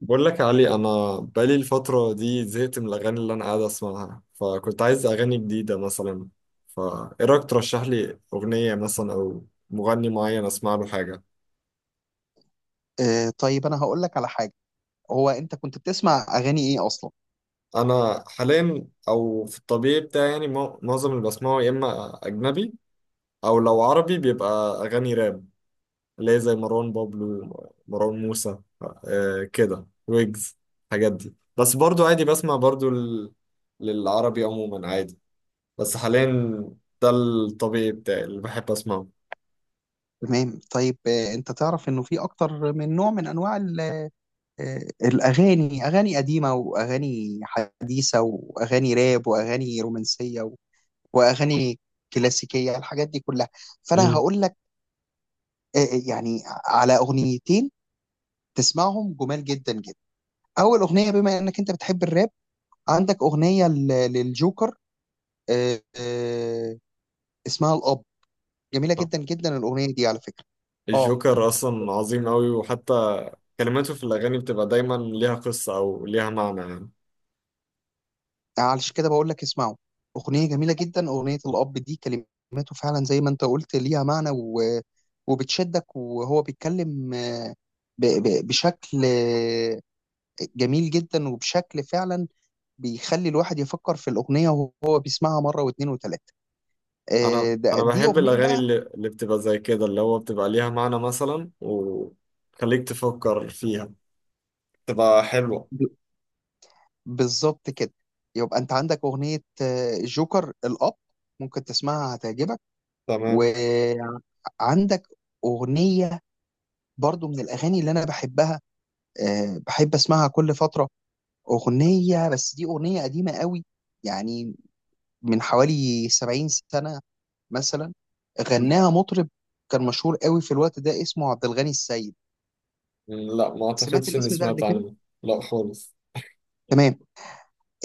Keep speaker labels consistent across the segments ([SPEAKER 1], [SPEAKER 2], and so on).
[SPEAKER 1] بقول لك يا علي، انا بقالي الفتره دي زهقت من الاغاني اللي انا قاعد اسمعها، فكنت عايز اغاني جديده مثلا. فايه رايك ترشح لي اغنيه مثلا او مغني معين اسمع له حاجه.
[SPEAKER 2] آه، طيب انا هقول لك على حاجه. هو انت كنت بتسمع اغاني ايه اصلا؟
[SPEAKER 1] انا حاليا او في الطبيعي بتاعي معظم اللي بسمعه يا اما اجنبي، او لو عربي بيبقى اغاني راب، اللي هي زي مروان بابلو، مروان موسى، كده ويجز. الحاجات دي بس. برضو عادي بسمع برضو للعربي عموما عادي، بس حاليا ده الطبيعي بتاعي اللي بحب اسمعه.
[SPEAKER 2] تمام. طيب، انت تعرف انه في اكتر من نوع من انواع الاغاني، اغاني قديمه واغاني حديثه واغاني راب واغاني رومانسيه واغاني كلاسيكيه، الحاجات دي كلها. فانا
[SPEAKER 1] مم.
[SPEAKER 2] هقول لك يعني على اغنيتين تسمعهم جمال جدا جدا. اول اغنيه، بما انك انت بتحب الراب، عندك اغنيه للجوكر، آه آه اسمها الاب، جميله جدا جدا الاغنيه دي على فكره. اه،
[SPEAKER 1] الجوكر اصلا عظيم قوي، وحتى كلماته في الاغاني بتبقى دايما ليها قصة او ليها معنى يعني.
[SPEAKER 2] علشان كده بقول لك اسمعوا اغنيه جميله جدا. اغنيه الاب دي كلماته فعلا زي ما انت قلت ليها معنى وبتشدك، وهو بيتكلم بشكل جميل جدا، وبشكل فعلا بيخلي الواحد يفكر في الاغنيه وهو بيسمعها مره واثنين وثلاثه.
[SPEAKER 1] انا انا
[SPEAKER 2] دي
[SPEAKER 1] بحب
[SPEAKER 2] اغنيه
[SPEAKER 1] الاغاني
[SPEAKER 2] بقى.
[SPEAKER 1] اللي بتبقى زي كده، اللي هو بتبقى ليها معنى مثلا وخليك تفكر فيها، بتبق حلوة.
[SPEAKER 2] ب... بالظبط كده. يبقى انت عندك اغنيه جوكر الاب، ممكن تسمعها هتعجبك. و
[SPEAKER 1] تمام.
[SPEAKER 2] عندك أغنية برضو من الأغاني اللي أنا بحبها، أه بحب أسمعها كل فترة. أغنية بس دي أغنية قديمة قوي، يعني من حوالي 70 سنة مثلا.
[SPEAKER 1] م-
[SPEAKER 2] غناها مطرب كان مشهور قوي في الوقت ده، اسمه عبد الغني السيد.
[SPEAKER 1] لا، ما
[SPEAKER 2] سمعت
[SPEAKER 1] اعتقدش اني
[SPEAKER 2] الاسم ده قبل
[SPEAKER 1] سمعت
[SPEAKER 2] كده؟
[SPEAKER 1] عنه. لا خالص.
[SPEAKER 2] تمام.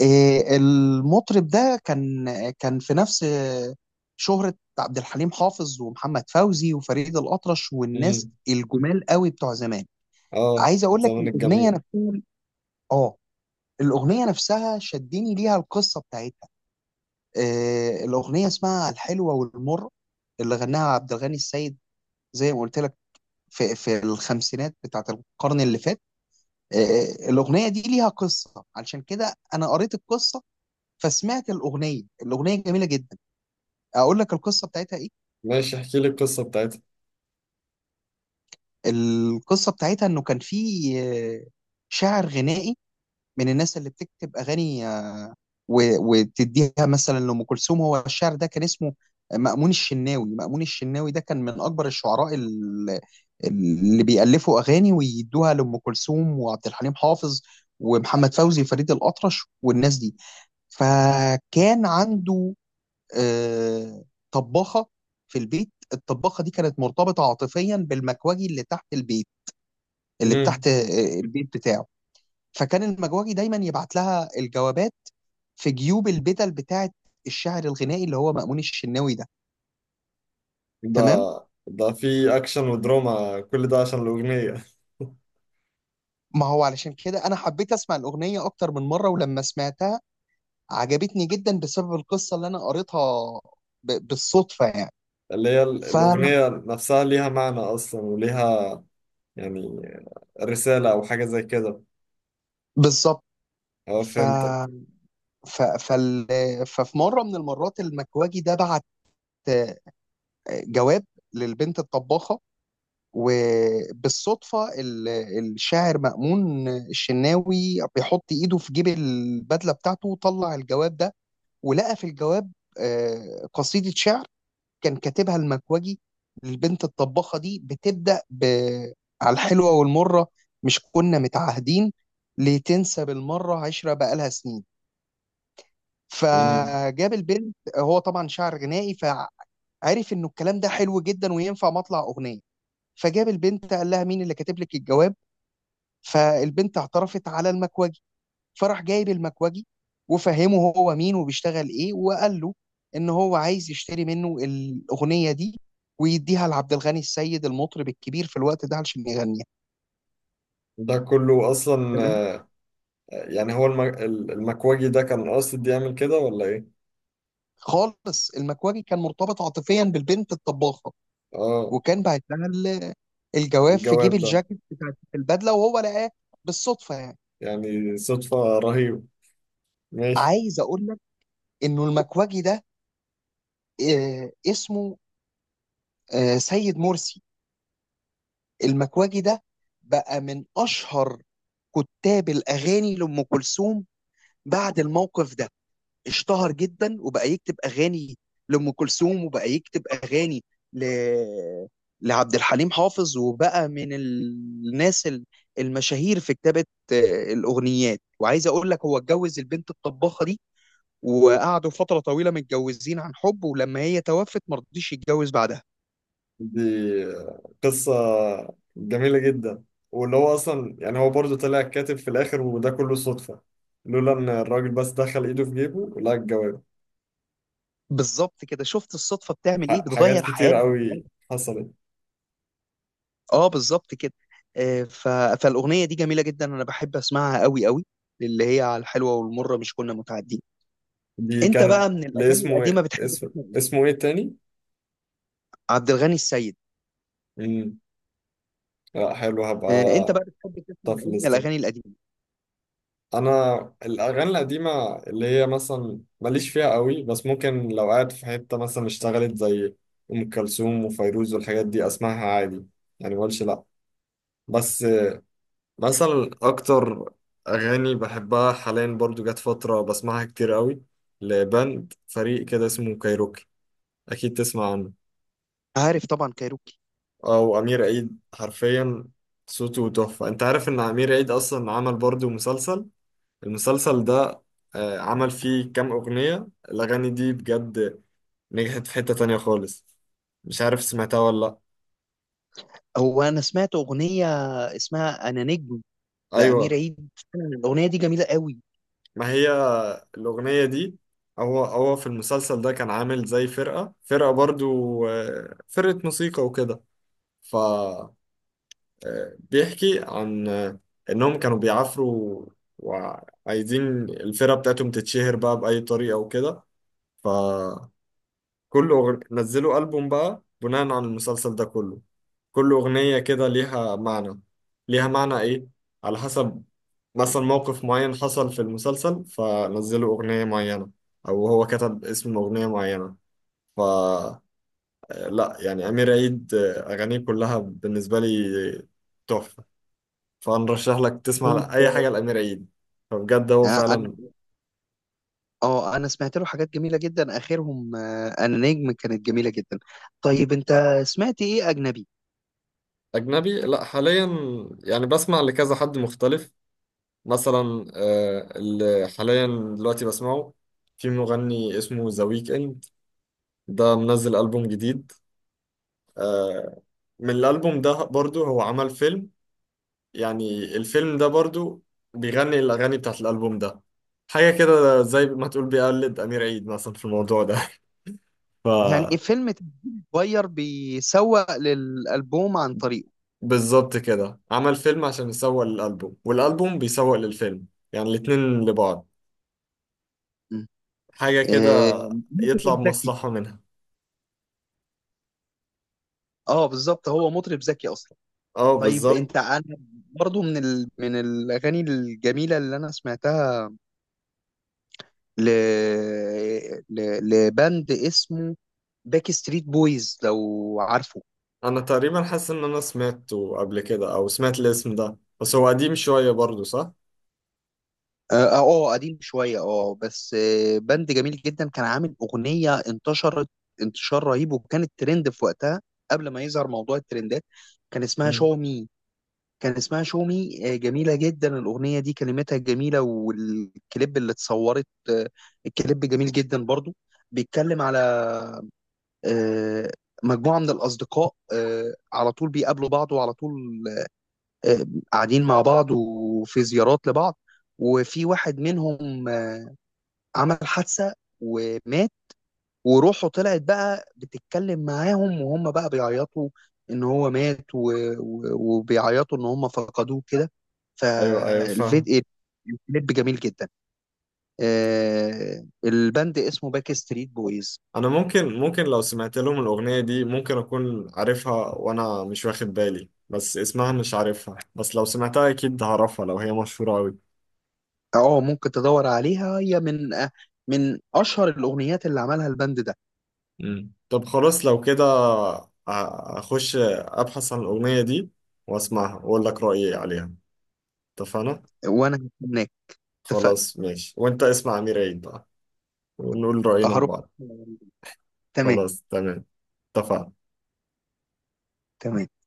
[SPEAKER 2] المطرب ده كان كان في نفس شهرة عبد الحليم حافظ ومحمد فوزي وفريد الأطرش، والناس
[SPEAKER 1] امم
[SPEAKER 2] الجمال قوي بتوع زمان.
[SPEAKER 1] اه
[SPEAKER 2] عايز اقول لك
[SPEAKER 1] الزمن
[SPEAKER 2] الاغنيه
[SPEAKER 1] الجميل.
[SPEAKER 2] نفسها. اه، الاغنيه نفسها شدني ليها القصه بتاعتها. الاغنيه اسمها الحلوه والمر، اللي غناها عبد الغني السيد، زي ما قلت لك، في الخمسينات بتاعت القرن اللي فات. الاغنيه دي ليها قصه، علشان كده انا قريت القصه فسمعت الاغنيه. الاغنيه جميله جدا. اقول لك القصه بتاعتها ايه.
[SPEAKER 1] ماشي احكي لي القصة بتاعتها.
[SPEAKER 2] القصه بتاعتها انه كان في آه، شاعر غنائي من الناس اللي بتكتب اغاني وتديها مثلا لأم كلثوم. هو الشعر ده كان اسمه مأمون الشناوي. مأمون الشناوي ده كان من أكبر الشعراء اللي بيألفوا أغاني ويدوها لأم كلثوم وعبد الحليم حافظ ومحمد فوزي فريد الأطرش والناس دي. فكان عنده آه، طباخة في البيت. الطباخة دي كانت مرتبطة عاطفيا بالمكواجي اللي تحت البيت، اللي تحت البيت بتاعه. فكان المجوجي دايما يبعت لها الجوابات في جيوب البدل بتاعه الشاعر الغنائي اللي هو مأمون الشناوي ده.
[SPEAKER 1] ده؟
[SPEAKER 2] تمام.
[SPEAKER 1] ده في اكشن ودراما كل ده عشان الاغنيه؟
[SPEAKER 2] ما هو علشان كده انا حبيت اسمع الاغنيه اكتر من مره، ولما سمعتها عجبتني جدا بسبب القصه اللي انا قريتها بالصدفه يعني.
[SPEAKER 1] اللي
[SPEAKER 2] ف
[SPEAKER 1] الاغنيه نفسها ليها معنى اصلا وليها يعني رساله او حاجه زي كده.
[SPEAKER 2] بالظبط.
[SPEAKER 1] اه
[SPEAKER 2] ف...
[SPEAKER 1] فهمتك.
[SPEAKER 2] ف... فال... ففي مره من المرات المكواجي ده بعت آه، جواب للبنت الطباخه، وبالصدفة الشاعر مأمون الشناوي بيحط إيده في جيب البدلة بتاعته وطلع الجواب ده، ولقى في الجواب قصيدة شعر كان كاتبها المكوجي للبنت الطباخة دي، بتبدأ على الحلوة والمرة مش كنا متعاهدين لتنسى بالمرة عشرة بقالها سنين.
[SPEAKER 1] مم.
[SPEAKER 2] فجاب البنت. هو طبعا شاعر غنائي عرف انه الكلام ده حلو جدا وينفع مطلع اغنيه. فجاب البنت قال لها مين اللي كاتب لك الجواب، فالبنت اعترفت على المكوجي. فراح جايب المكوجي وفهمه هو مين وبيشتغل ايه، وقال له ان هو عايز يشتري منه الاغنيه دي ويديها لعبد الغني السيد المطرب الكبير في الوقت ده علشان يغنيها.
[SPEAKER 1] ده كله اصلا؟
[SPEAKER 2] تمام.
[SPEAKER 1] يعني هو المكواجي ده كان قاصد يعمل كده ولا ايه؟
[SPEAKER 2] خالص، المكواجي كان مرتبط عاطفيا بالبنت الطباخه،
[SPEAKER 1] اه
[SPEAKER 2] وكان بعت لها الجواب في جيب
[SPEAKER 1] الجواب ده؟
[SPEAKER 2] الجاكيت بتاعت البدله وهو لقاه بالصدفه يعني.
[SPEAKER 1] يعني صدفه رهيبه. ماشي.
[SPEAKER 2] عايز اقول لك انه المكواجي ده اسمه سيد مرسي. المكواجي ده بقى من اشهر كتاب الاغاني لام كلثوم بعد الموقف ده. اشتهر جدا وبقى يكتب اغاني لام كلثوم، وبقى يكتب اغاني ل... لعبد الحليم حافظ، وبقى من الناس المشاهير في كتابة الأغنيات. وعايز أقول لك هو اتجوز البنت الطباخة دي، وقعدوا فترة طويلة متجوزين عن حب، ولما هي توفت مرضيش يتجوز بعدها.
[SPEAKER 1] دي قصة جميلة جدا، واللي هو أصلا يعني هو برضه طلع كاتب في الآخر، وده كله صدفة، لولا إن الراجل بس دخل إيده في جيبه لقى الجواب.
[SPEAKER 2] بالظبط كده، شفت الصدفة بتعمل إيه،
[SPEAKER 1] حاجات
[SPEAKER 2] بتغير
[SPEAKER 1] كتير
[SPEAKER 2] حياة.
[SPEAKER 1] قوي حصلت.
[SPEAKER 2] اه بالظبط كده. آه، ف... فالاغنيه دي جميله جدا، انا بحب اسمعها قوي قوي، اللي هي على الحلوه والمره مش كنا متعدين.
[SPEAKER 1] دي
[SPEAKER 2] انت
[SPEAKER 1] كانت
[SPEAKER 2] بقى من الاغاني
[SPEAKER 1] لاسمه
[SPEAKER 2] القديمه
[SPEAKER 1] إيه
[SPEAKER 2] بتحب
[SPEAKER 1] اسم
[SPEAKER 2] تسمع ايه؟
[SPEAKER 1] اسمه إيه تاني؟
[SPEAKER 2] عبد الغني السيد.
[SPEAKER 1] مم. لا حلو، هبقى
[SPEAKER 2] انت بقى بتحب تسمع
[SPEAKER 1] طف
[SPEAKER 2] ايه من
[SPEAKER 1] ليست.
[SPEAKER 2] الاغاني القديمه؟
[SPEAKER 1] أنا الأغاني القديمة اللي هي مثلا ماليش فيها قوي، بس ممكن لو قاعد في حتة مثلا اشتغلت زي أم كلثوم وفيروز والحاجات دي أسمعها عادي، يعني مقولش لأ. بس مثلا اكتر اغاني بحبها حاليا، برضو جت فتره بسمعها كتير قوي، لبند فريق كده اسمه كايروكي، اكيد تسمع عنه.
[SPEAKER 2] عارف طبعا كايروكي.
[SPEAKER 1] او امير عيد حرفيا صوته تحفه. انت عارف ان امير عيد اصلا عمل برضو مسلسل؟ المسلسل ده عمل فيه كام اغنيه، الاغاني دي بجد نجحت في حته تانية خالص. مش عارف سمعتها ولا لا.
[SPEAKER 2] هو انا سمعت اغنيه اسمها انا نجم لامير
[SPEAKER 1] ايوه،
[SPEAKER 2] عيد، الاغنيه دي جميله قوي.
[SPEAKER 1] ما هي الأغنية دي، هو في المسلسل ده كان عامل زي فرقة، برضو فرقة موسيقى وكده. ف آه، بيحكي عن إنهم كانوا بيعافروا وعايزين الفرقة بتاعتهم تتشهر بقى بأي طريقة وكده. فكل نزلوا ألبوم بقى بناء على المسلسل ده كله، كل أغنية كده ليها معنى. ليها معنى إيه؟ على حسب مثلا موقف معين حصل في المسلسل فنزلوا أغنية معينة، أو هو كتب اسم أغنية معينة. ف لا، يعني أمير عيد أغانيه كلها بالنسبة لي تحفة. فنرشح لك تسمع
[SPEAKER 2] طيب.
[SPEAKER 1] أي حاجة لأمير عيد، فبجد هو
[SPEAKER 2] آه، انا
[SPEAKER 1] فعلا.
[SPEAKER 2] اه انا سمعت له حاجات جميله جدا، اخرهم انا نجم، كانت جميله جدا. طيب انت سمعت ايه اجنبي؟
[SPEAKER 1] أجنبي؟ لا، حاليا يعني بسمع لكذا حد مختلف. مثلا اللي حاليا دلوقتي بسمعه، في مغني اسمه ذا ويك. ده منزل ألبوم جديد، آه، من الألبوم ده برضو هو عمل فيلم، يعني الفيلم ده برضو بيغني الأغاني بتاعت الألبوم ده. حاجة كده زي ما تقول بيقلد أمير عيد مثلا في الموضوع ده. ف
[SPEAKER 2] يعني فيلم صغير بيسوق للألبوم عن طريقه.
[SPEAKER 1] بالظبط كده، عمل فيلم عشان يسوق للألبوم، والألبوم بيسوق للفيلم. يعني الاتنين لبعض،
[SPEAKER 2] م.
[SPEAKER 1] حاجة كده.
[SPEAKER 2] آه،
[SPEAKER 1] يطلع
[SPEAKER 2] مطرب ذكي.
[SPEAKER 1] بمصلحة منها.
[SPEAKER 2] اه بالظبط، هو مطرب ذكي اصلا.
[SPEAKER 1] اه
[SPEAKER 2] طيب
[SPEAKER 1] بالظبط.
[SPEAKER 2] انت. انا برضو من من الاغاني الجميله اللي انا سمعتها ل... لباند اسمه باك ستريت بويز، لو عارفه.
[SPEAKER 1] أنا تقريبا حاسس إن أنا سمعته قبل كده أو سمعت الاسم ده، بس هو قديم شوية برضو صح؟
[SPEAKER 2] اه، قديم شويه، اه بس بند جميل جدا، كان عامل اغنيه انتشرت انتشار رهيب، وكانت ترند في وقتها قبل ما يظهر موضوع الترندات. كان اسمها
[SPEAKER 1] مم.
[SPEAKER 2] شو مي. كان اسمها شو مي. جميله جدا الاغنيه دي، كلماتها جميله، والكليب اللي اتصورت الكليب جميل جدا برضو. بيتكلم على آه، مجموعه من الاصدقاء على طول بيقابلوا بعض، وعلى طول آه، قاعدين مع بعض، وفي زيارات لبعض. وفي واحد منهم عمل حادثة ومات، وروحه طلعت بقى بتتكلم معاهم، وهم بقى بيعيطوا ان هو مات و... وبيعيطوا ان هم فقدوه كده.
[SPEAKER 1] ايوه ايوه فاهم.
[SPEAKER 2] فالفيديو الكليب جميل جدا. البند اسمه باك ستريت بويز.
[SPEAKER 1] انا ممكن لو سمعت لهم الاغنيه دي ممكن اكون عارفها وانا مش واخد بالي، بس اسمها مش عارفها، بس لو سمعتها اكيد هعرفها لو هي مشهوره قوي.
[SPEAKER 2] اه، ممكن تدور عليها، هي من من اشهر الاغنيات اللي عملها البند ده.
[SPEAKER 1] مم. طب خلاص لو كده اخش ابحث عن الاغنيه دي واسمعها واقول لك رايي عليها. اتفقنا.
[SPEAKER 2] وانا هناك. اتفقنا.
[SPEAKER 1] خلاص ماشي، وانت اسمع امير عيد بقى، ونقول راينا
[SPEAKER 2] هروح.
[SPEAKER 1] لبعض.
[SPEAKER 2] تمام.
[SPEAKER 1] خلاص تمام. اتفقنا.
[SPEAKER 2] تمام.